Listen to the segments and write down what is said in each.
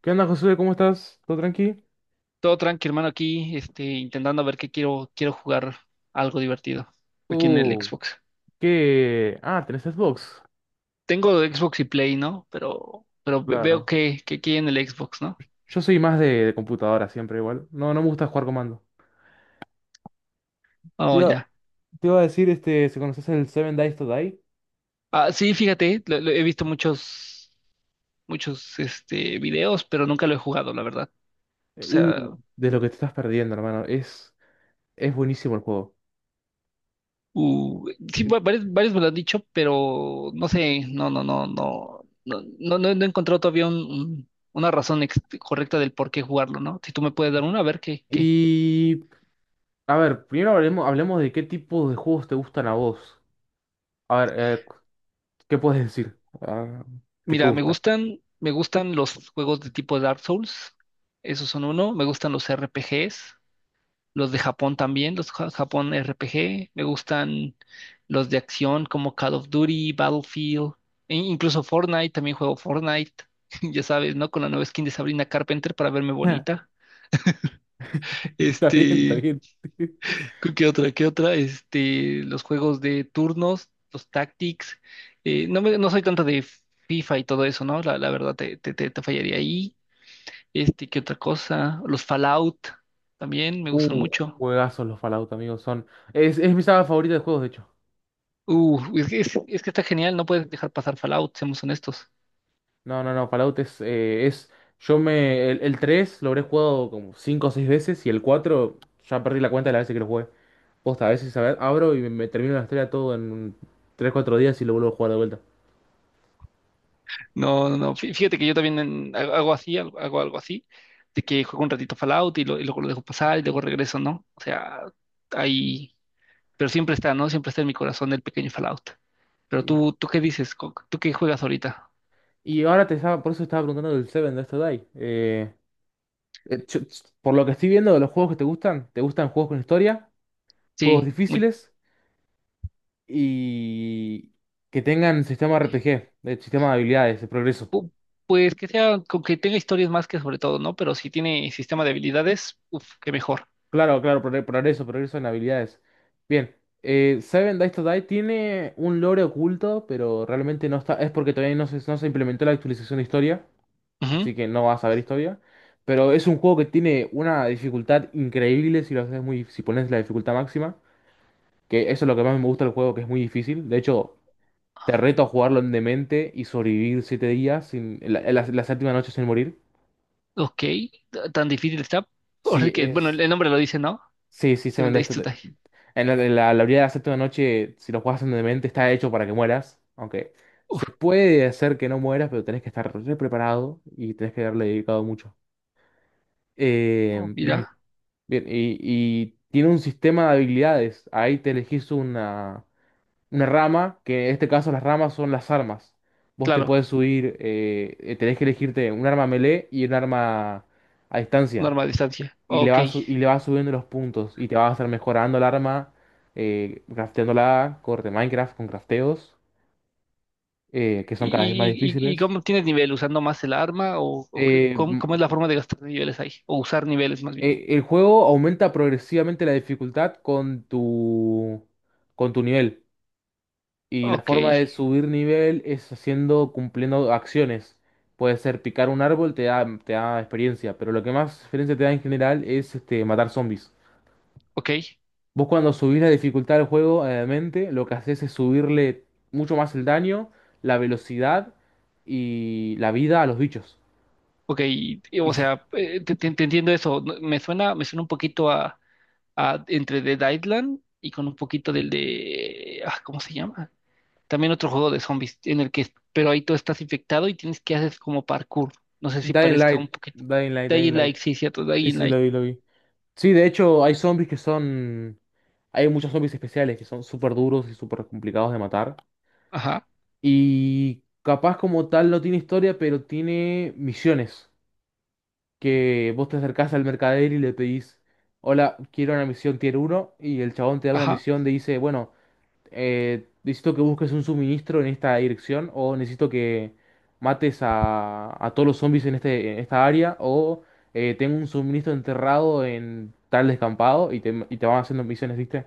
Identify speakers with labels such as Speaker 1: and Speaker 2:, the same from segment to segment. Speaker 1: ¿Qué onda, Josué? ¿Cómo estás? ¿Todo tranqui?
Speaker 2: Todo tranqui, hermano, aquí, intentando ver qué quiero jugar algo divertido aquí en el
Speaker 1: Uh,
Speaker 2: Xbox.
Speaker 1: ¿Qué? Ah, ¿tenés Xbox?
Speaker 2: Tengo Xbox y Play, ¿no? Pero veo
Speaker 1: Claro.
Speaker 2: que aquí en el Xbox, ¿no?
Speaker 1: Yo soy más de computadora siempre igual. No, no me gusta jugar comando. Te
Speaker 2: Oh,
Speaker 1: iba,
Speaker 2: ya.
Speaker 1: te iba a decir, este, si conoces el Seven Days to Die.
Speaker 2: Ah, sí, fíjate, he visto videos, pero nunca lo he jugado, la verdad. O
Speaker 1: Eh,
Speaker 2: sea,
Speaker 1: uh, de lo que te estás perdiendo, hermano. Es buenísimo el juego.
Speaker 2: uh, sí,
Speaker 1: Eh,
Speaker 2: varios me lo han dicho, pero no sé, no, no, no, no, no, no, no he encontrado todavía un, una razón correcta del por qué jugarlo, ¿no? Si tú me puedes dar una, a ver qué, qué.
Speaker 1: Y, a ver, primero hablemos, hablemos de qué tipo de juegos te gustan a vos. A ver, ¿qué puedes decir? Ah, ¿qué te
Speaker 2: Mira, me
Speaker 1: gusta?
Speaker 2: gustan, me gustan los juegos de tipo Dark Souls. Esos son uno. Me gustan los RPGs, los de Japón también, los Japón RPG. Me gustan los de acción como Call of Duty, Battlefield, e incluso Fortnite. También juego Fortnite. Ya sabes, ¿no? Con la nueva skin de Sabrina Carpenter para verme bonita.
Speaker 1: Está bien, está
Speaker 2: Este,
Speaker 1: bien.
Speaker 2: qué otra? ¿Qué otra? Los juegos de turnos, los tactics. No soy tanto de FIFA y todo eso, ¿no? La verdad te fallaría ahí. ¿Qué otra cosa? Los Fallout también me gustan
Speaker 1: Uh,
Speaker 2: mucho.
Speaker 1: Juegazos los Fallout, amigos. Son. Es mi saga favorita de juegos, de hecho.
Speaker 2: Es que, es que está genial, no puedes dejar pasar Fallout, seamos honestos.
Speaker 1: No, no, no. Fallout es. Es yo me. El 3 lo habré jugado como 5 o 6 veces. Y el 4 ya perdí la cuenta de las veces que lo jugué. Posta, a veces a ver, abro y me termino la historia todo en tres cuatro días y lo vuelvo a jugar de vuelta.
Speaker 2: No, no, no. Fíjate que yo también hago así, hago algo así, de que juego un ratito Fallout y, y luego lo dejo pasar y luego regreso, ¿no? O sea, ahí, pero siempre está, ¿no? Siempre está en mi corazón el pequeño Fallout. Pero
Speaker 1: Sí.
Speaker 2: tú, ¿tú qué dices? ¿Tú qué juegas ahorita?
Speaker 1: Y ahora te estaba. Por eso estaba preguntando del Seven de esto Die. Eh, yo- por lo que estoy viendo de los juegos que ¿te gustan juegos con historia? ¿Juegos
Speaker 2: Sí, muy,
Speaker 1: difíciles? Y que tengan sistema RPG, sistema de habilidades, de progreso.
Speaker 2: pu- pues que sea, con que tenga historias más que sobre todo, ¿no? Pero si tiene sistema de habilidades, uff, qué mejor.
Speaker 1: Claro, claro, progreso, progreso en habilidades. Bien, Seven Days to Die tiene un lore oculto, pero realmente no está, es porque todavía no se implementó la actualización de historia, así que no vas a ver historia. Pero es un juego que tiene una dificultad increíble si lo haces muy, si pones la dificultad máxima, que eso es lo que más me gusta del juego, que es muy difícil. De hecho, te reto a jugarlo en demente y sobrevivir siete días sin, la séptima noche sin morir.
Speaker 2: Ok, tan difícil está,
Speaker 1: Sí,
Speaker 2: porque, bueno, el
Speaker 1: es.
Speaker 2: el nombre lo dice, ¿no?
Speaker 1: Sí, sí, se
Speaker 2: Seven
Speaker 1: vende
Speaker 2: Days
Speaker 1: esto
Speaker 2: to
Speaker 1: Die.
Speaker 2: Die.
Speaker 1: En la habilidad de la Séptima Noche, si lo juegas en demente, está hecho para que mueras. Aunque se
Speaker 2: Uf,
Speaker 1: puede hacer que no mueras, pero tenés que estar re preparado y tenés que haberle dedicado mucho.
Speaker 2: oh,
Speaker 1: Bien,
Speaker 2: mira,
Speaker 1: bien. Y tiene un sistema de habilidades. Ahí te elegís una rama, que en este caso las ramas son las armas. Vos te
Speaker 2: claro,
Speaker 1: puedes subir, tenés que elegirte un arma melee y un arma a distancia.
Speaker 2: norma de distancia.
Speaker 1: Y le
Speaker 2: Ok.
Speaker 1: vas,
Speaker 2: ¿Y,
Speaker 1: y le vas subiendo los puntos y te vas a estar mejorando el arma, crafteándola, corte Minecraft con crafteos, que son cada vez más
Speaker 2: y, y y
Speaker 1: difíciles.
Speaker 2: cómo tienes nivel? ¿Usando más el arma? ¿O
Speaker 1: Eh,
Speaker 2: cómo,
Speaker 1: m-
Speaker 2: cómo es la forma de gastar niveles ahí? O usar niveles más bien.
Speaker 1: el juego aumenta progresivamente la dificultad con tu nivel. Y la
Speaker 2: Ok,
Speaker 1: forma de subir nivel es haciendo, cumpliendo acciones. Puede ser picar un árbol, te da experiencia, pero lo que más experiencia te da en general es este, matar zombies.
Speaker 2: ok,
Speaker 1: Vos cuando subís la dificultad del juego, obviamente, lo que haces es subirle mucho más el daño, la velocidad y la vida a los bichos.
Speaker 2: ok.
Speaker 1: Y
Speaker 2: O
Speaker 1: s-
Speaker 2: sea, te entiendo eso. No, me suena un poquito a, entre The Island y con un poquito ah, ¿cómo se llama? También otro juego de zombies en el que, pero ahí tú estás infectado y tienes que hacer como parkour. No sé si
Speaker 1: Dying
Speaker 2: parezca
Speaker 1: Light,
Speaker 2: un poquito.
Speaker 1: Dying Light, Dying
Speaker 2: Dying
Speaker 1: Light.
Speaker 2: Light, sí, cierto,
Speaker 1: Sí,
Speaker 2: Dying
Speaker 1: sí, lo
Speaker 2: Light.
Speaker 1: vi, lo vi. Sí, de hecho, hay zombies que son... Hay muchos zombies especiales que son súper duros y súper complicados de matar.
Speaker 2: Ajá,
Speaker 1: Y capaz como tal no tiene historia, pero tiene misiones. Que vos te acercás al mercader y le pedís, hola, quiero una misión tier uno. Y el chabón te da una
Speaker 2: ajá,
Speaker 1: misión de dice, bueno... necesito que busques un suministro en esta dirección o necesito que mates a todos los zombies en este, en esta área o tengo un suministro enterrado en tal descampado y te van haciendo misiones, ¿viste?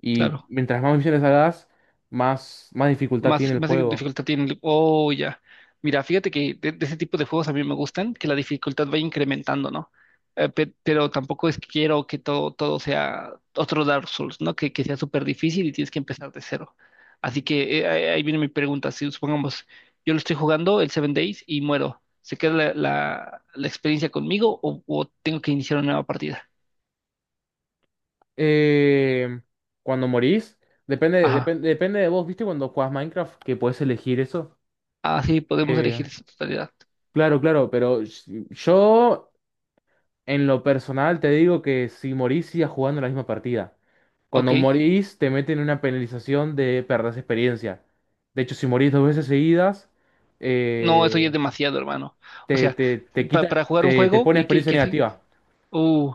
Speaker 1: Y
Speaker 2: claro.
Speaker 1: mientras más misiones hagas, más, más dificultad tiene
Speaker 2: Más,
Speaker 1: el
Speaker 2: más
Speaker 1: juego.
Speaker 2: dificultad tiene. Oh, ya. Mira, fíjate que de ese tipo de juegos a mí me gustan, que la dificultad va incrementando, ¿no? Pero tampoco es que quiero que todo sea otro Dark Souls, ¿no? Que sea súper difícil y tienes que empezar de cero. Así que ahí viene mi pregunta. Si supongamos, yo lo estoy jugando el Seven Days y muero, ¿se queda la, la experiencia conmigo o tengo que iniciar una nueva partida?
Speaker 1: Eh, Cuando morís, depende,
Speaker 2: Ajá.
Speaker 1: depende, depende de vos, ¿viste? Cuando jugás Minecraft, que podés elegir eso.
Speaker 2: Así podemos
Speaker 1: Que-
Speaker 2: elegir su totalidad.
Speaker 1: claro, claro, pero yo en lo personal te digo que si morís sigas jugando la misma partida.
Speaker 2: Ok.
Speaker 1: Cuando morís te meten una penalización de perder experiencia. De hecho, si morís dos veces seguidas,
Speaker 2: No, eso ya es
Speaker 1: eh,
Speaker 2: demasiado, hermano. O
Speaker 1: te,
Speaker 2: sea,
Speaker 1: te, te quita,
Speaker 2: para jugar un
Speaker 1: te
Speaker 2: juego
Speaker 1: pone
Speaker 2: y que, y
Speaker 1: experiencia
Speaker 2: que sí,
Speaker 1: negativa.
Speaker 2: uh,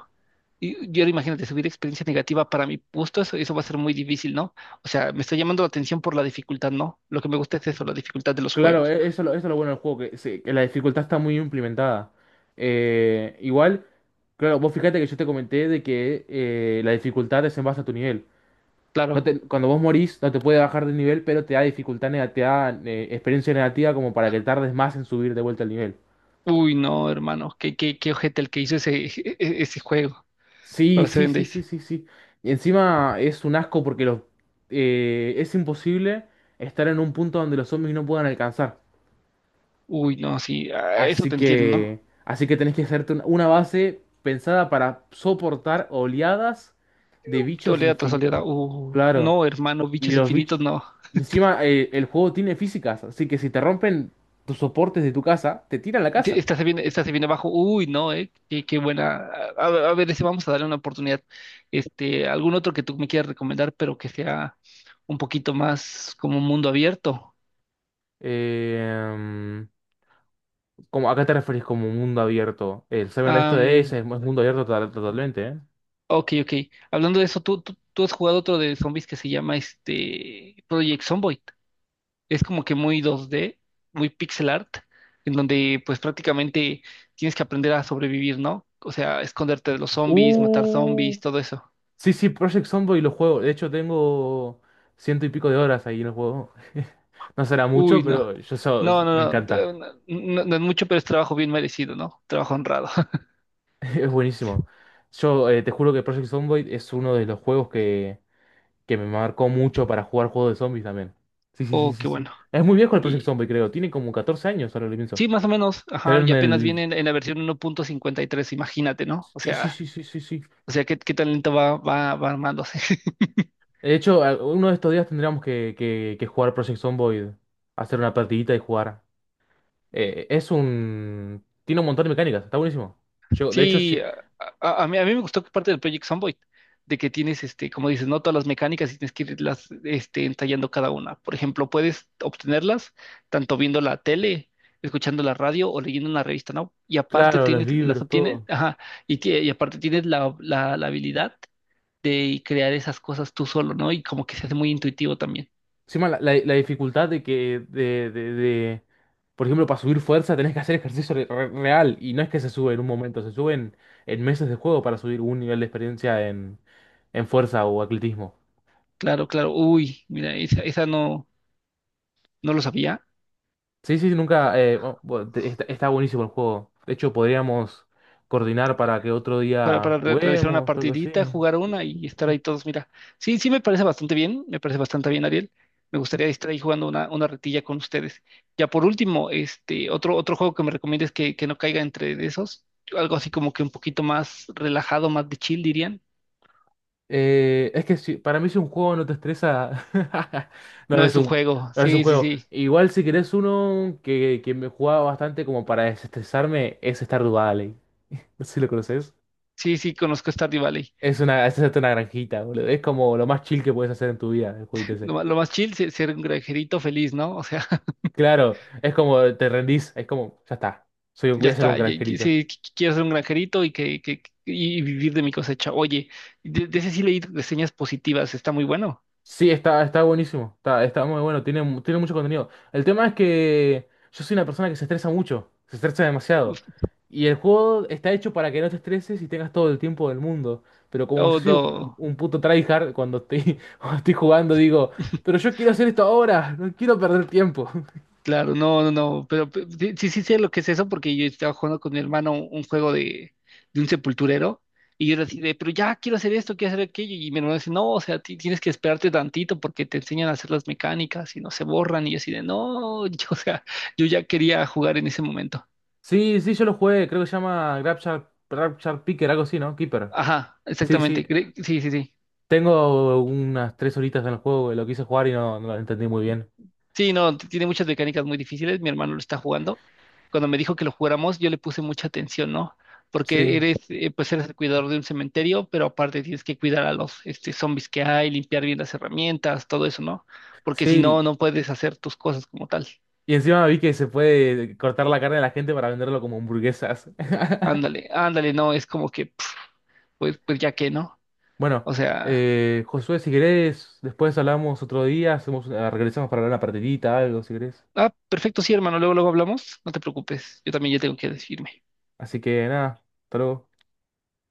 Speaker 2: y ahora imagínate, subir experiencia negativa para mi gusto, eso va a ser muy difícil, ¿no? O sea, me está llamando la atención por la dificultad, ¿no? Lo que me gusta es eso, la dificultad de los
Speaker 1: Claro,
Speaker 2: juegos.
Speaker 1: eso, eso es lo bueno del juego, que la dificultad está muy implementada. Igual, claro, vos fíjate que yo te comenté de que la dificultad es en base a tu nivel. No
Speaker 2: Claro.
Speaker 1: te- Cuando vos morís, no te puede bajar de nivel, pero te da dificultad negativa, te da experiencia negativa como para que tardes más en subir de vuelta al nivel.
Speaker 2: Uy, no, hermano, qué ojete el que hizo ese, ese juego
Speaker 1: Sí,
Speaker 2: para
Speaker 1: sí,
Speaker 2: Seven
Speaker 1: sí, sí,
Speaker 2: Days.
Speaker 1: sí, sí. Y encima es un asco porque los, es imposible estar en un punto donde los zombies no puedan alcanzar.
Speaker 2: Uy, no, sí, ah, eso te entiendo, ¿no?
Speaker 1: Así que tenés que hacerte una base pensada para soportar oleadas de bichos
Speaker 2: Oleada tras
Speaker 1: infinitos.
Speaker 2: oleada. Uh,
Speaker 1: Claro.
Speaker 2: no, hermano,
Speaker 1: Y
Speaker 2: bichos
Speaker 1: los bichos.
Speaker 2: infinitos, no.
Speaker 1: Encima, el juego tiene físicas, así que si te rompen tus soportes de tu casa, te tiran la
Speaker 2: Sí,
Speaker 1: casa.
Speaker 2: esta se viene, esta se viene abajo. Uy, no. Qué buena. A ver, ese vamos a darle una oportunidad. Algún otro que tú me quieras recomendar, pero que sea un poquito más como un mundo abierto.
Speaker 1: Eh, Como, ¿a qué te referís como mundo abierto? El Seven Days to Days
Speaker 2: Am,
Speaker 1: es mundo abierto totalmente, ¿eh?
Speaker 2: ok, ok. Hablando de eso, ¿tú has jugado otro de zombies que se llama Project Zomboid. Es como que muy 2D, muy pixel art, en donde pues prácticamente tienes que aprender a sobrevivir, ¿no? O sea, esconderte de los zombies, matar
Speaker 1: Uh,
Speaker 2: zombies, todo eso.
Speaker 1: sí, sí, Project Zomboid lo juego. De hecho, tengo ciento y pico de horas ahí en el juego. No será
Speaker 2: Uy,
Speaker 1: mucho,
Speaker 2: no.
Speaker 1: pero yo
Speaker 2: No,
Speaker 1: me
Speaker 2: no, no,
Speaker 1: encanta.
Speaker 2: no es mucho, pero es trabajo bien merecido, ¿no? Trabajo honrado.
Speaker 1: Es buenísimo. Yo te juro que Project Zomboid es uno de los juegos que me marcó mucho para jugar juegos de zombies también. Sí, sí, sí,
Speaker 2: Oh,
Speaker 1: sí,
Speaker 2: qué
Speaker 1: sí.
Speaker 2: bueno.
Speaker 1: Es muy viejo el Project
Speaker 2: Y
Speaker 1: Zombie, creo. Tiene como 14 años, ahora lo pienso.
Speaker 2: sí, más o menos, ajá, y
Speaker 1: Salieron
Speaker 2: apenas
Speaker 1: el...
Speaker 2: viene en, la versión 1.53 imagínate, ¿no? O
Speaker 1: Sí, sí,
Speaker 2: sea,
Speaker 1: sí, sí, sí, sí.
Speaker 2: qué talento va armándose.
Speaker 1: De hecho, uno de estos días tendríamos que jugar Project Zomboid, hacer una partidita y jugar. Es un... Tiene un montón de mecánicas, está buenísimo. Yo- de hecho,
Speaker 2: Sí,
Speaker 1: lle-
Speaker 2: a mí me gustó que parte del Project Zomboid, de que tienes, como dices, no todas las mecánicas y tienes que irlas, ensayando cada una. Por ejemplo, puedes obtenerlas tanto viendo la tele, escuchando la radio o leyendo una revista, ¿no? Y aparte
Speaker 1: claro, los
Speaker 2: tienes, las
Speaker 1: libros,
Speaker 2: obtienes,
Speaker 1: todo.
Speaker 2: ajá, y aparte tienes la habilidad de crear esas cosas tú solo, ¿no? Y como que se hace muy intuitivo también.
Speaker 1: Encima la dificultad de por ejemplo, para subir fuerza tenés que hacer ejercicio real y no es que se sube en un momento, se sube en meses de juego para subir un nivel de experiencia en fuerza o atletismo.
Speaker 2: Claro, claro. Uy, mira, esa no, no lo sabía.
Speaker 1: Sí, sí, nunca... bu- bu- te- está, está buenísimo el juego. De hecho, podríamos coordinar para que otro
Speaker 2: para,
Speaker 1: día
Speaker 2: para realizar una
Speaker 1: juguemos o algo así.
Speaker 2: partidita, jugar una y estar ahí todos. Mira, sí, sí me parece bastante bien, me parece bastante bien, Ariel. Me gustaría estar ahí jugando una, retilla con ustedes. Ya por último, otro juego que me recomiendes que no caiga entre de esos, algo así como que un poquito más relajado, más de chill, dirían.
Speaker 1: Es que para mí si un juego no te estresa, no
Speaker 2: No
Speaker 1: es
Speaker 2: es un
Speaker 1: un,
Speaker 2: juego,
Speaker 1: no es un
Speaker 2: sí, sí,
Speaker 1: juego.
Speaker 2: sí.
Speaker 1: Igual si querés uno que me jugaba bastante como para desestresarme es Stardew Valley. No sé si lo conoces.
Speaker 2: Sí, sí, conozco Stardew Valley.
Speaker 1: Es una, es hacerte una granjita, boludo. Es como lo más chill que puedes hacer en tu vida, el jueguito
Speaker 2: Lo,
Speaker 1: ese.
Speaker 2: ma- lo más chill es ser un granjerito feliz, ¿no? O sea,
Speaker 1: Claro, es como te rendís, es como, ya está. Soy un, voy
Speaker 2: ya
Speaker 1: a ser un
Speaker 2: está,
Speaker 1: granjerito.
Speaker 2: sí, quiero ser un granjerito y vivir de mi cosecha. Oye, de ese sí leí reseñas positivas, está muy bueno.
Speaker 1: Sí, está, está buenísimo. Está, está muy bueno. Tiene, tiene mucho contenido. El tema es que yo soy una persona que se estresa mucho. Se estresa demasiado.
Speaker 2: Uf,
Speaker 1: Y el juego está hecho para que no te estreses y tengas todo el tiempo del mundo. Pero como yo
Speaker 2: oh,
Speaker 1: soy
Speaker 2: no.
Speaker 1: un puto tryhard, cuando estoy, cuando estoy jugando digo, pero yo quiero hacer esto ahora. No quiero perder tiempo.
Speaker 2: Claro, no, no, no, pero sí, sí, sí sé lo que es eso porque yo estaba jugando con mi hermano un juego de un sepulturero y yo decía, pero ya quiero hacer esto, quiero hacer aquello y mi hermano dice, no, o sea, tienes que esperarte tantito porque te enseñan a hacer las mecánicas y no se borran y yo así de, no, yo, o sea, yo ya quería jugar en ese momento.
Speaker 1: Sí, sí, yo lo jugué. Creo que se llama Grabshar, Grabshar Picker, algo así, ¿no? Keeper.
Speaker 2: Ajá,
Speaker 1: Sí, sí.
Speaker 2: exactamente, sí, sí, sí.
Speaker 1: Tengo unas tres horitas en el juego. Lo quise jugar y no, no lo entendí muy bien.
Speaker 2: Sí, no, tiene muchas mecánicas muy difíciles. Mi hermano lo está jugando. Cuando me dijo que lo jugáramos, yo le puse mucha atención, ¿no? Porque
Speaker 1: Sí.
Speaker 2: pues eres el cuidador de un cementerio, pero aparte tienes que cuidar a los zombies que hay, limpiar bien las herramientas, todo eso, ¿no? Porque si no,
Speaker 1: Sí,
Speaker 2: no puedes hacer tus cosas como tal.
Speaker 1: y encima vi que se puede cortar la carne de la gente para venderlo como hamburguesas.
Speaker 2: Ándale, ándale, no, es como que, pf, pues ya que, ¿no?
Speaker 1: Bueno,
Speaker 2: O sea,
Speaker 1: Josué, si querés, después hablamos otro día, hacemos, regresamos para hablar una partidita, algo, si querés.
Speaker 2: ah, perfecto, sí, hermano, luego hablamos, no te preocupes, yo también ya tengo que despedirme.
Speaker 1: Así que nada, hasta luego.